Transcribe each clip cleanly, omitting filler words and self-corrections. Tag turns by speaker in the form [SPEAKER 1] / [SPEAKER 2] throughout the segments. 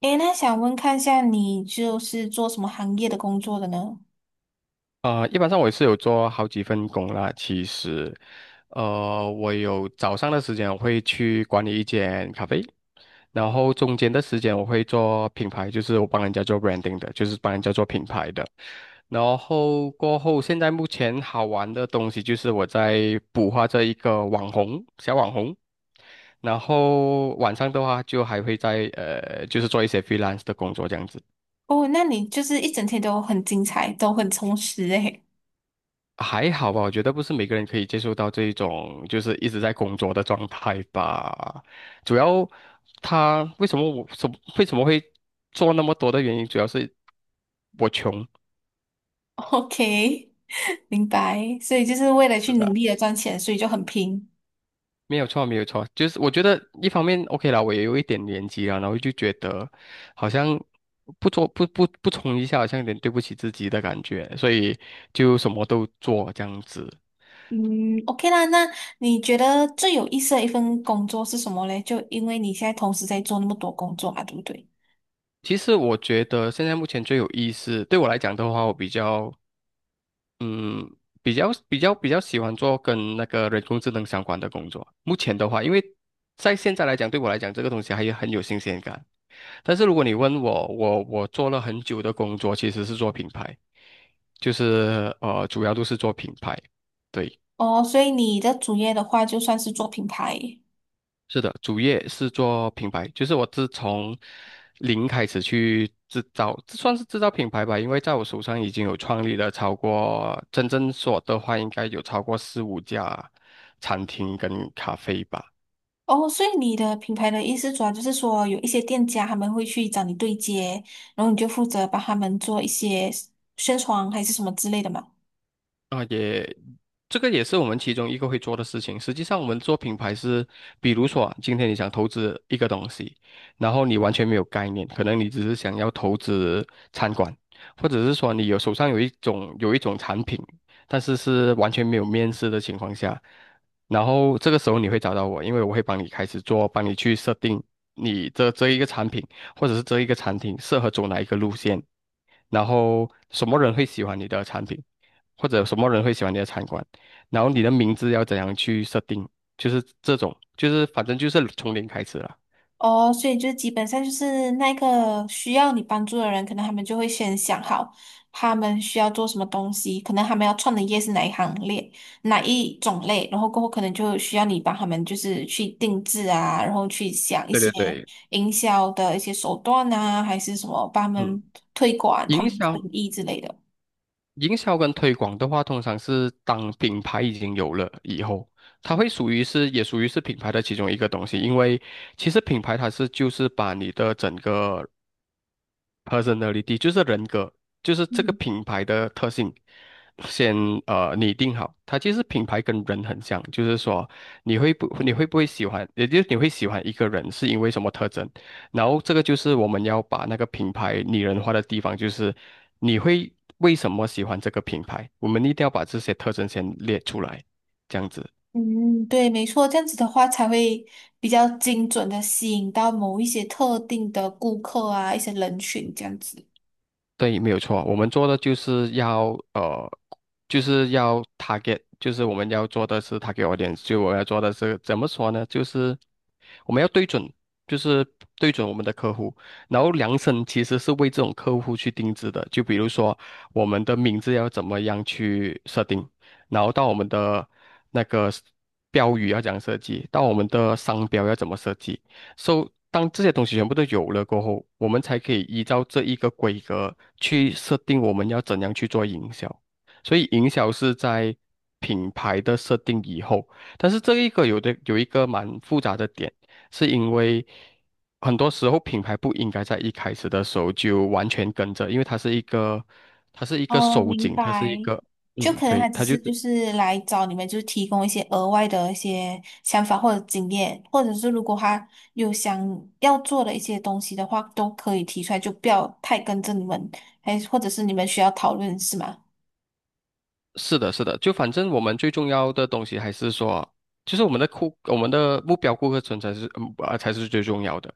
[SPEAKER 1] 诶，那想问看一下，你就是做什么行业的工作的呢？
[SPEAKER 2] 一般上我也是有做好几份工啦。其实，我有早上的时间我会去管理一间咖啡，然后中间的时间我会做品牌，就是我帮人家做 branding 的，就是帮人家做品牌的。然后过后，现在目前好玩的东西就是我在捕获这一个小网红，然后晚上的话就还会在就是做一些 freelance 的工作这样子。
[SPEAKER 1] 哦，那你就是一整天都很精彩，都很充实诶。
[SPEAKER 2] 还好吧，我觉得不是每个人可以接受到这一种就是一直在工作的状态吧。主要他为什么我什为什么会做那么多的原因，主要是我穷，
[SPEAKER 1] OK，明白。所以就是为了去努力的赚钱，所以就很拼。
[SPEAKER 2] 没有错，没有错。就是我觉得一方面 OK 啦，我也有一点年纪了，然后就觉得好像不做不不不冲一下，好像有点对不起自己的感觉，所以就什么都做这样子。
[SPEAKER 1] 嗯，OK 啦。那你觉得最有意思的一份工作是什么嘞？就因为你现在同时在做那么多工作啊，对不对？
[SPEAKER 2] 其实我觉得现在目前最有意思，对我来讲的话，我比较嗯，比较喜欢做跟那个人工智能相关的工作。目前的话，因为在现在来讲，对我来讲，这个东西很有新鲜感。但是如果你问我，我做了很久的工作，其实是做品牌，就是主要都是做品牌。对。
[SPEAKER 1] 哦，所以你的主业的话，就算是做品牌。
[SPEAKER 2] 是的，主业是做品牌，就是我自从零开始去制造，这算是制造品牌吧，因为在我手上已经有创立了超过，真正说的话应该有超过四五家餐厅跟咖啡吧。
[SPEAKER 1] 哦，所以你的品牌的意思主要就是说，有一些店家他们会去找你对接，然后你就负责帮他们做一些宣传还是什么之类的嘛？
[SPEAKER 2] 啊也。这个也是我们其中一个会做的事情。实际上，我们做品牌是，比如说啊今天你想投资一个东西，然后你完全没有概念，可能你只是想要投资餐馆，或者是说你手上有一种产品，是完全没有面试的情况下，然后这个时候你会找到我，因为我会帮你开始做，帮你去设定你这一个产品，或者是这一个产品适合走哪一个路线，然后什么人会喜欢你的产品，或者什么人会喜欢你的餐馆。然后你的名字要怎样去设定，就是这种，就是反正就是从零开始了。
[SPEAKER 1] 哦，所以就是基本上就是那个需要你帮助的人，可能他们就会先想好他们需要做什么东西，可能他们要创的业是哪一行列、哪一种类，然后过后可能就需要你帮他们就是去定制啊，然后去想一
[SPEAKER 2] 对
[SPEAKER 1] 些
[SPEAKER 2] 对对，
[SPEAKER 1] 营销的一些手段啊，还是什么帮他们
[SPEAKER 2] 嗯，
[SPEAKER 1] 推广他
[SPEAKER 2] 营
[SPEAKER 1] 们的
[SPEAKER 2] 销、
[SPEAKER 1] 生意之类的。
[SPEAKER 2] 营销跟推广的话，通常是当品牌已经有了以后，它会属于是也属于是品牌的其中一个东西，因为其实品牌就是把你的整个 personality 就是人格，就是这个
[SPEAKER 1] 嗯，
[SPEAKER 2] 品牌的特性，先拟定好。它其实品牌跟人很像，就是说你会不会喜欢，也就是你会喜欢一个人是因为什么特征。然后这个就是我们要把那个品牌拟人化的地方，就是你会为什么喜欢这个品牌，我们一定要把这些特征先列出来，这样子。
[SPEAKER 1] 嗯，对，没错，这样子的话才会比较精准的吸引到某一些特定的顾客啊，一些人群这样子。
[SPEAKER 2] 对，没有错，我们做的就是要呃，就是要 target，就是我们要做的是 target audience，就我们要做的是怎么说呢？就是我们要对准，就是对准我们的客户，然后量身其实是为这种客户去定制的。就比如说我们的名字要怎么样去设定，然后到我们的那个标语要怎样设计，到我们的商标要怎么设计。So，当这些东西全部都有了过后，我们才可以依照这一个规格去设定我们要怎样去做营销。所以，营销是在品牌的设定以后，但是这一个有的有一个蛮复杂的点，是因为很多时候品牌不应该在一开始的时候就完全跟着，因为它是一个
[SPEAKER 1] 哦，
[SPEAKER 2] 收
[SPEAKER 1] 明
[SPEAKER 2] 紧，它是
[SPEAKER 1] 白。
[SPEAKER 2] 一个
[SPEAKER 1] 就可能他
[SPEAKER 2] 对，
[SPEAKER 1] 只是就是来找你们，就是提供一些额外的一些想法或者经验，或者是如果他有想要做的一些东西的话，都可以提出来，就不要太跟着你们，还或者是你们需要讨论是吗？
[SPEAKER 2] 是的，是的，就反正我们最重要的东西还是说，就是我们的目标顾客层才是，才是最重要的。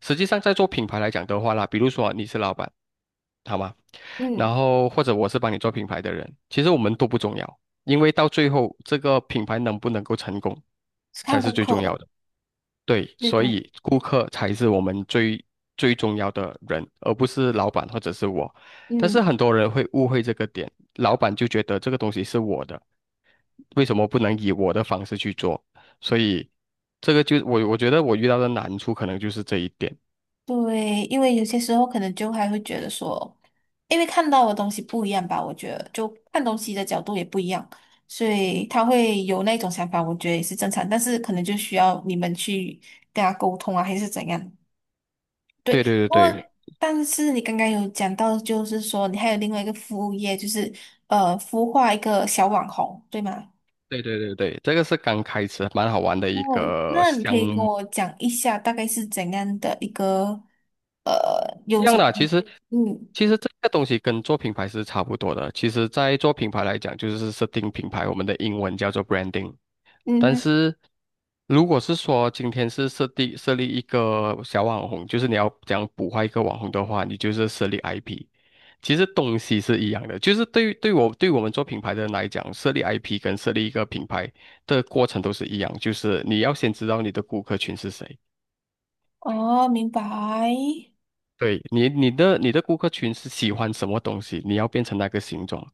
[SPEAKER 2] 实际上，在做品牌来讲的话啦，比如说你是老板，好吗？然
[SPEAKER 1] 嗯
[SPEAKER 2] 后或者我是帮你做品牌的人，其实我们都不重要，因为到最后这个品牌能不能够成功
[SPEAKER 1] 是看
[SPEAKER 2] 才是
[SPEAKER 1] 顾
[SPEAKER 2] 最
[SPEAKER 1] 客
[SPEAKER 2] 重要
[SPEAKER 1] 的，
[SPEAKER 2] 的。对，
[SPEAKER 1] 对
[SPEAKER 2] 所
[SPEAKER 1] 对。
[SPEAKER 2] 以顾客才是我们最重要的人，而不是老板或者是我。但是
[SPEAKER 1] 嗯。
[SPEAKER 2] 很多人会误会这个点，老板就觉得这个东西是我的，为什么不能以我的方式去做？所以这个就我觉得我遇到的难处可能就是这一点。
[SPEAKER 1] 对，因为有些时候可能就还会觉得说，因为看到的东西不一样吧，我觉得就看东西的角度也不一样，所以他会有那种想法，我觉得也是正常，但是可能就需要你们去跟他沟通啊，还是怎样。对，
[SPEAKER 2] 对对
[SPEAKER 1] 不过
[SPEAKER 2] 对
[SPEAKER 1] 但是你刚刚有讲到，就是说你还有另外一个副业，就是孵化一个小网红，对吗？
[SPEAKER 2] 对对对对对，这个是刚开始蛮好玩的一
[SPEAKER 1] 哦，
[SPEAKER 2] 个
[SPEAKER 1] 那你
[SPEAKER 2] 项
[SPEAKER 1] 可以跟
[SPEAKER 2] 目。
[SPEAKER 1] 我讲一下大概是怎样的一个
[SPEAKER 2] 一
[SPEAKER 1] 有什
[SPEAKER 2] 样
[SPEAKER 1] 么
[SPEAKER 2] 的，其实
[SPEAKER 1] 嗯。
[SPEAKER 2] 其实这个东西跟做品牌是差不多的。其实，在做品牌来讲，就是设定品牌，我们的英文叫做 branding。
[SPEAKER 1] 嗯
[SPEAKER 2] 但
[SPEAKER 1] 哼。
[SPEAKER 2] 是如果是说今天是设立一个小网红，就是你要讲捕获一个网红的话，你就是设立 IP。其实东西是一样的，就是对于对我对我们做品牌的人来讲，设立 IP 跟设立一个品牌的过程都是一样，就是你要先知道你的顾客群是谁。
[SPEAKER 1] 哦，明白。
[SPEAKER 2] 你的顾客群是喜欢什么东西，你要变成那个形状，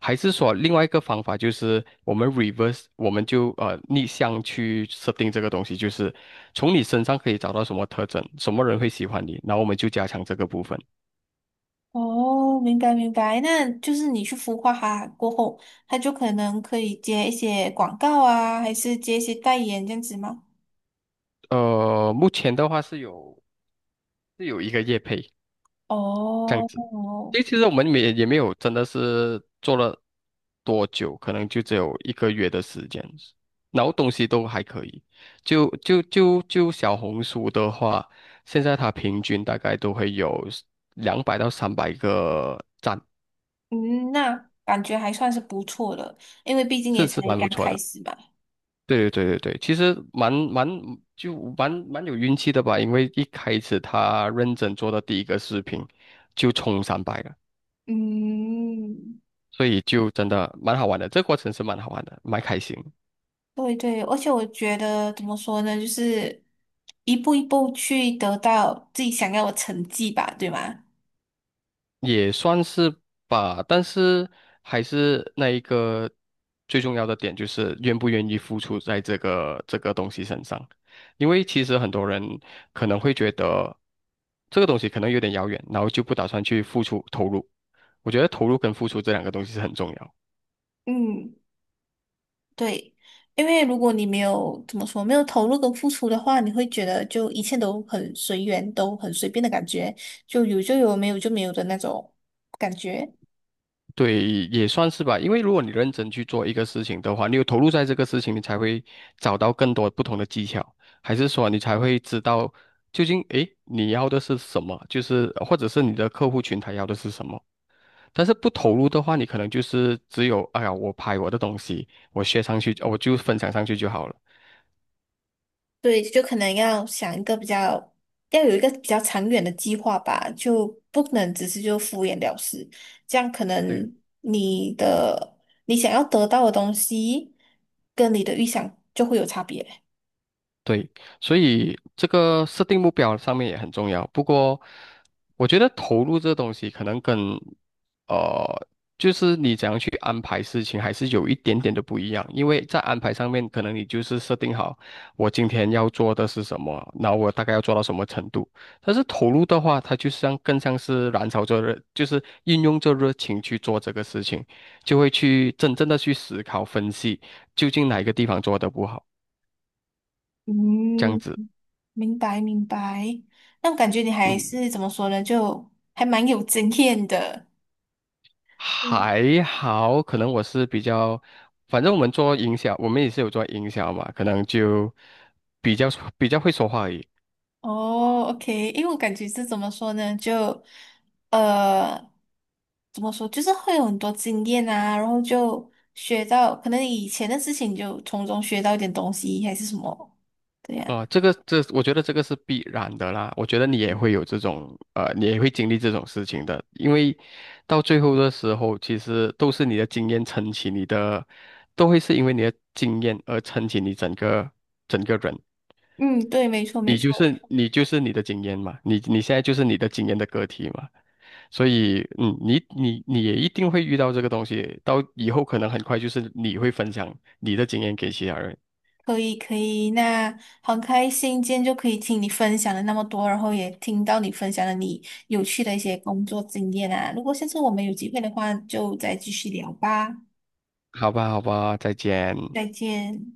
[SPEAKER 2] 还是说另外一个方法就是我们 reverse，我们就逆向去设定这个东西，就是从你身上可以找到什么特征，什么人会喜欢你，然后我们就加强这个部分。
[SPEAKER 1] 哦，明白明白。那就是你去孵化它过后，它就可能可以接一些广告啊，还是接一些代言这样子吗？
[SPEAKER 2] 目前的话是有一个业配，这样
[SPEAKER 1] 哦，
[SPEAKER 2] 子。因为其实我们也没有真的是做了多久，可能就只有1个月的时间，然后东西都还可以。就小红书的话，现在它平均大概都会有200到300个赞，
[SPEAKER 1] 嗯，那感觉还算是不错的，因为毕竟也
[SPEAKER 2] 是
[SPEAKER 1] 才
[SPEAKER 2] 蛮
[SPEAKER 1] 刚
[SPEAKER 2] 不错
[SPEAKER 1] 开
[SPEAKER 2] 的。
[SPEAKER 1] 始嘛。
[SPEAKER 2] 对对对对对，其实蛮蛮就蛮蛮有运气的吧，因为一开始他认真做的第一个视频就冲三百了。
[SPEAKER 1] 嗯，
[SPEAKER 2] 所以就真的蛮好玩的，这个过程是蛮好玩的，蛮开心，
[SPEAKER 1] 对对，而且我觉得怎么说呢，就是一步一步去得到自己想要的成绩吧，对吗？
[SPEAKER 2] 也算是吧。但是还是那一个最重要的点，就是愿不愿意付出在这个东西身上，因为其实很多人可能会觉得这个东西可能有点遥远，然后就不打算去付出投入。我觉得投入跟付出这两个东西是很重要。
[SPEAKER 1] 嗯。对，因为如果你没有怎么说，没有投入跟付出的话，你会觉得就一切都很随缘，都很随便的感觉，就有就有，没有就没有的那种感觉。
[SPEAKER 2] 对，也算是吧。因为如果你认真去做一个事情的话，你有投入在这个事情，你才会找到更多不同的技巧，还是说你才会知道究竟你要的是什么，就是或者是你的客户群他要的是什么。但是不投入的话，你可能就是只有哎呀，我拍我的东西，我学上去，我就分享上去就好了。
[SPEAKER 1] 对，就可能要想一个比较，要有一个比较长远的计划吧，就不能只是就敷衍了事。这样可
[SPEAKER 2] 对。
[SPEAKER 1] 能你的你想要得到的东西，跟你的预想就会有差别。
[SPEAKER 2] 对，所以这个设定目标上面也很重要。不过，我觉得投入这东西可能跟呃，就是你怎样去安排事情，还是有一点点的不一样。因为在安排上面，可能你就是设定好我今天要做的是什么，然后我大概要做到什么程度。但是投入的话，它更像是燃烧着热，就是运用着热情去做这个事情，就会去真正的去思考分析，究竟哪一个地方做得不好，这样
[SPEAKER 1] 嗯，
[SPEAKER 2] 子。
[SPEAKER 1] 明白明白，那我感觉你还
[SPEAKER 2] 嗯。
[SPEAKER 1] 是怎么说呢，就还蛮有经验的。嗯
[SPEAKER 2] 还好，可能我是反正我们做营销，我们也是有做营销嘛，可能就比较比较会说话而已。
[SPEAKER 1] 哦，OK，因为我感觉是怎么说呢，就呃，怎么说，就是会有很多经验啊，然后就学到可能以前的事情，就从中学到一点东西，还是什么，对呀、
[SPEAKER 2] 啊、这个这，我觉得这个是必然的啦。我觉得你也
[SPEAKER 1] 嗯
[SPEAKER 2] 会有这种，你也会经历这种事情的，因为到最后的时候，其实都是你的经验撑起你的，都会是因为你的经验而撑起你整个人。
[SPEAKER 1] 嗯，对，没错没
[SPEAKER 2] 你就
[SPEAKER 1] 错。
[SPEAKER 2] 是你就是你的经验嘛，你现在就是你的经验的个体嘛，所以你也一定会遇到这个东西，到以后可能很快就是你会分享你的经验给其他人，
[SPEAKER 1] 可以可以，那很开心今天就可以听你分享了那么多，然后也听到你分享了你有趣的一些工作经验啊。如果下次我们有机会的话，就再继续聊吧。
[SPEAKER 2] 好吧，好吧，再见。
[SPEAKER 1] 再见。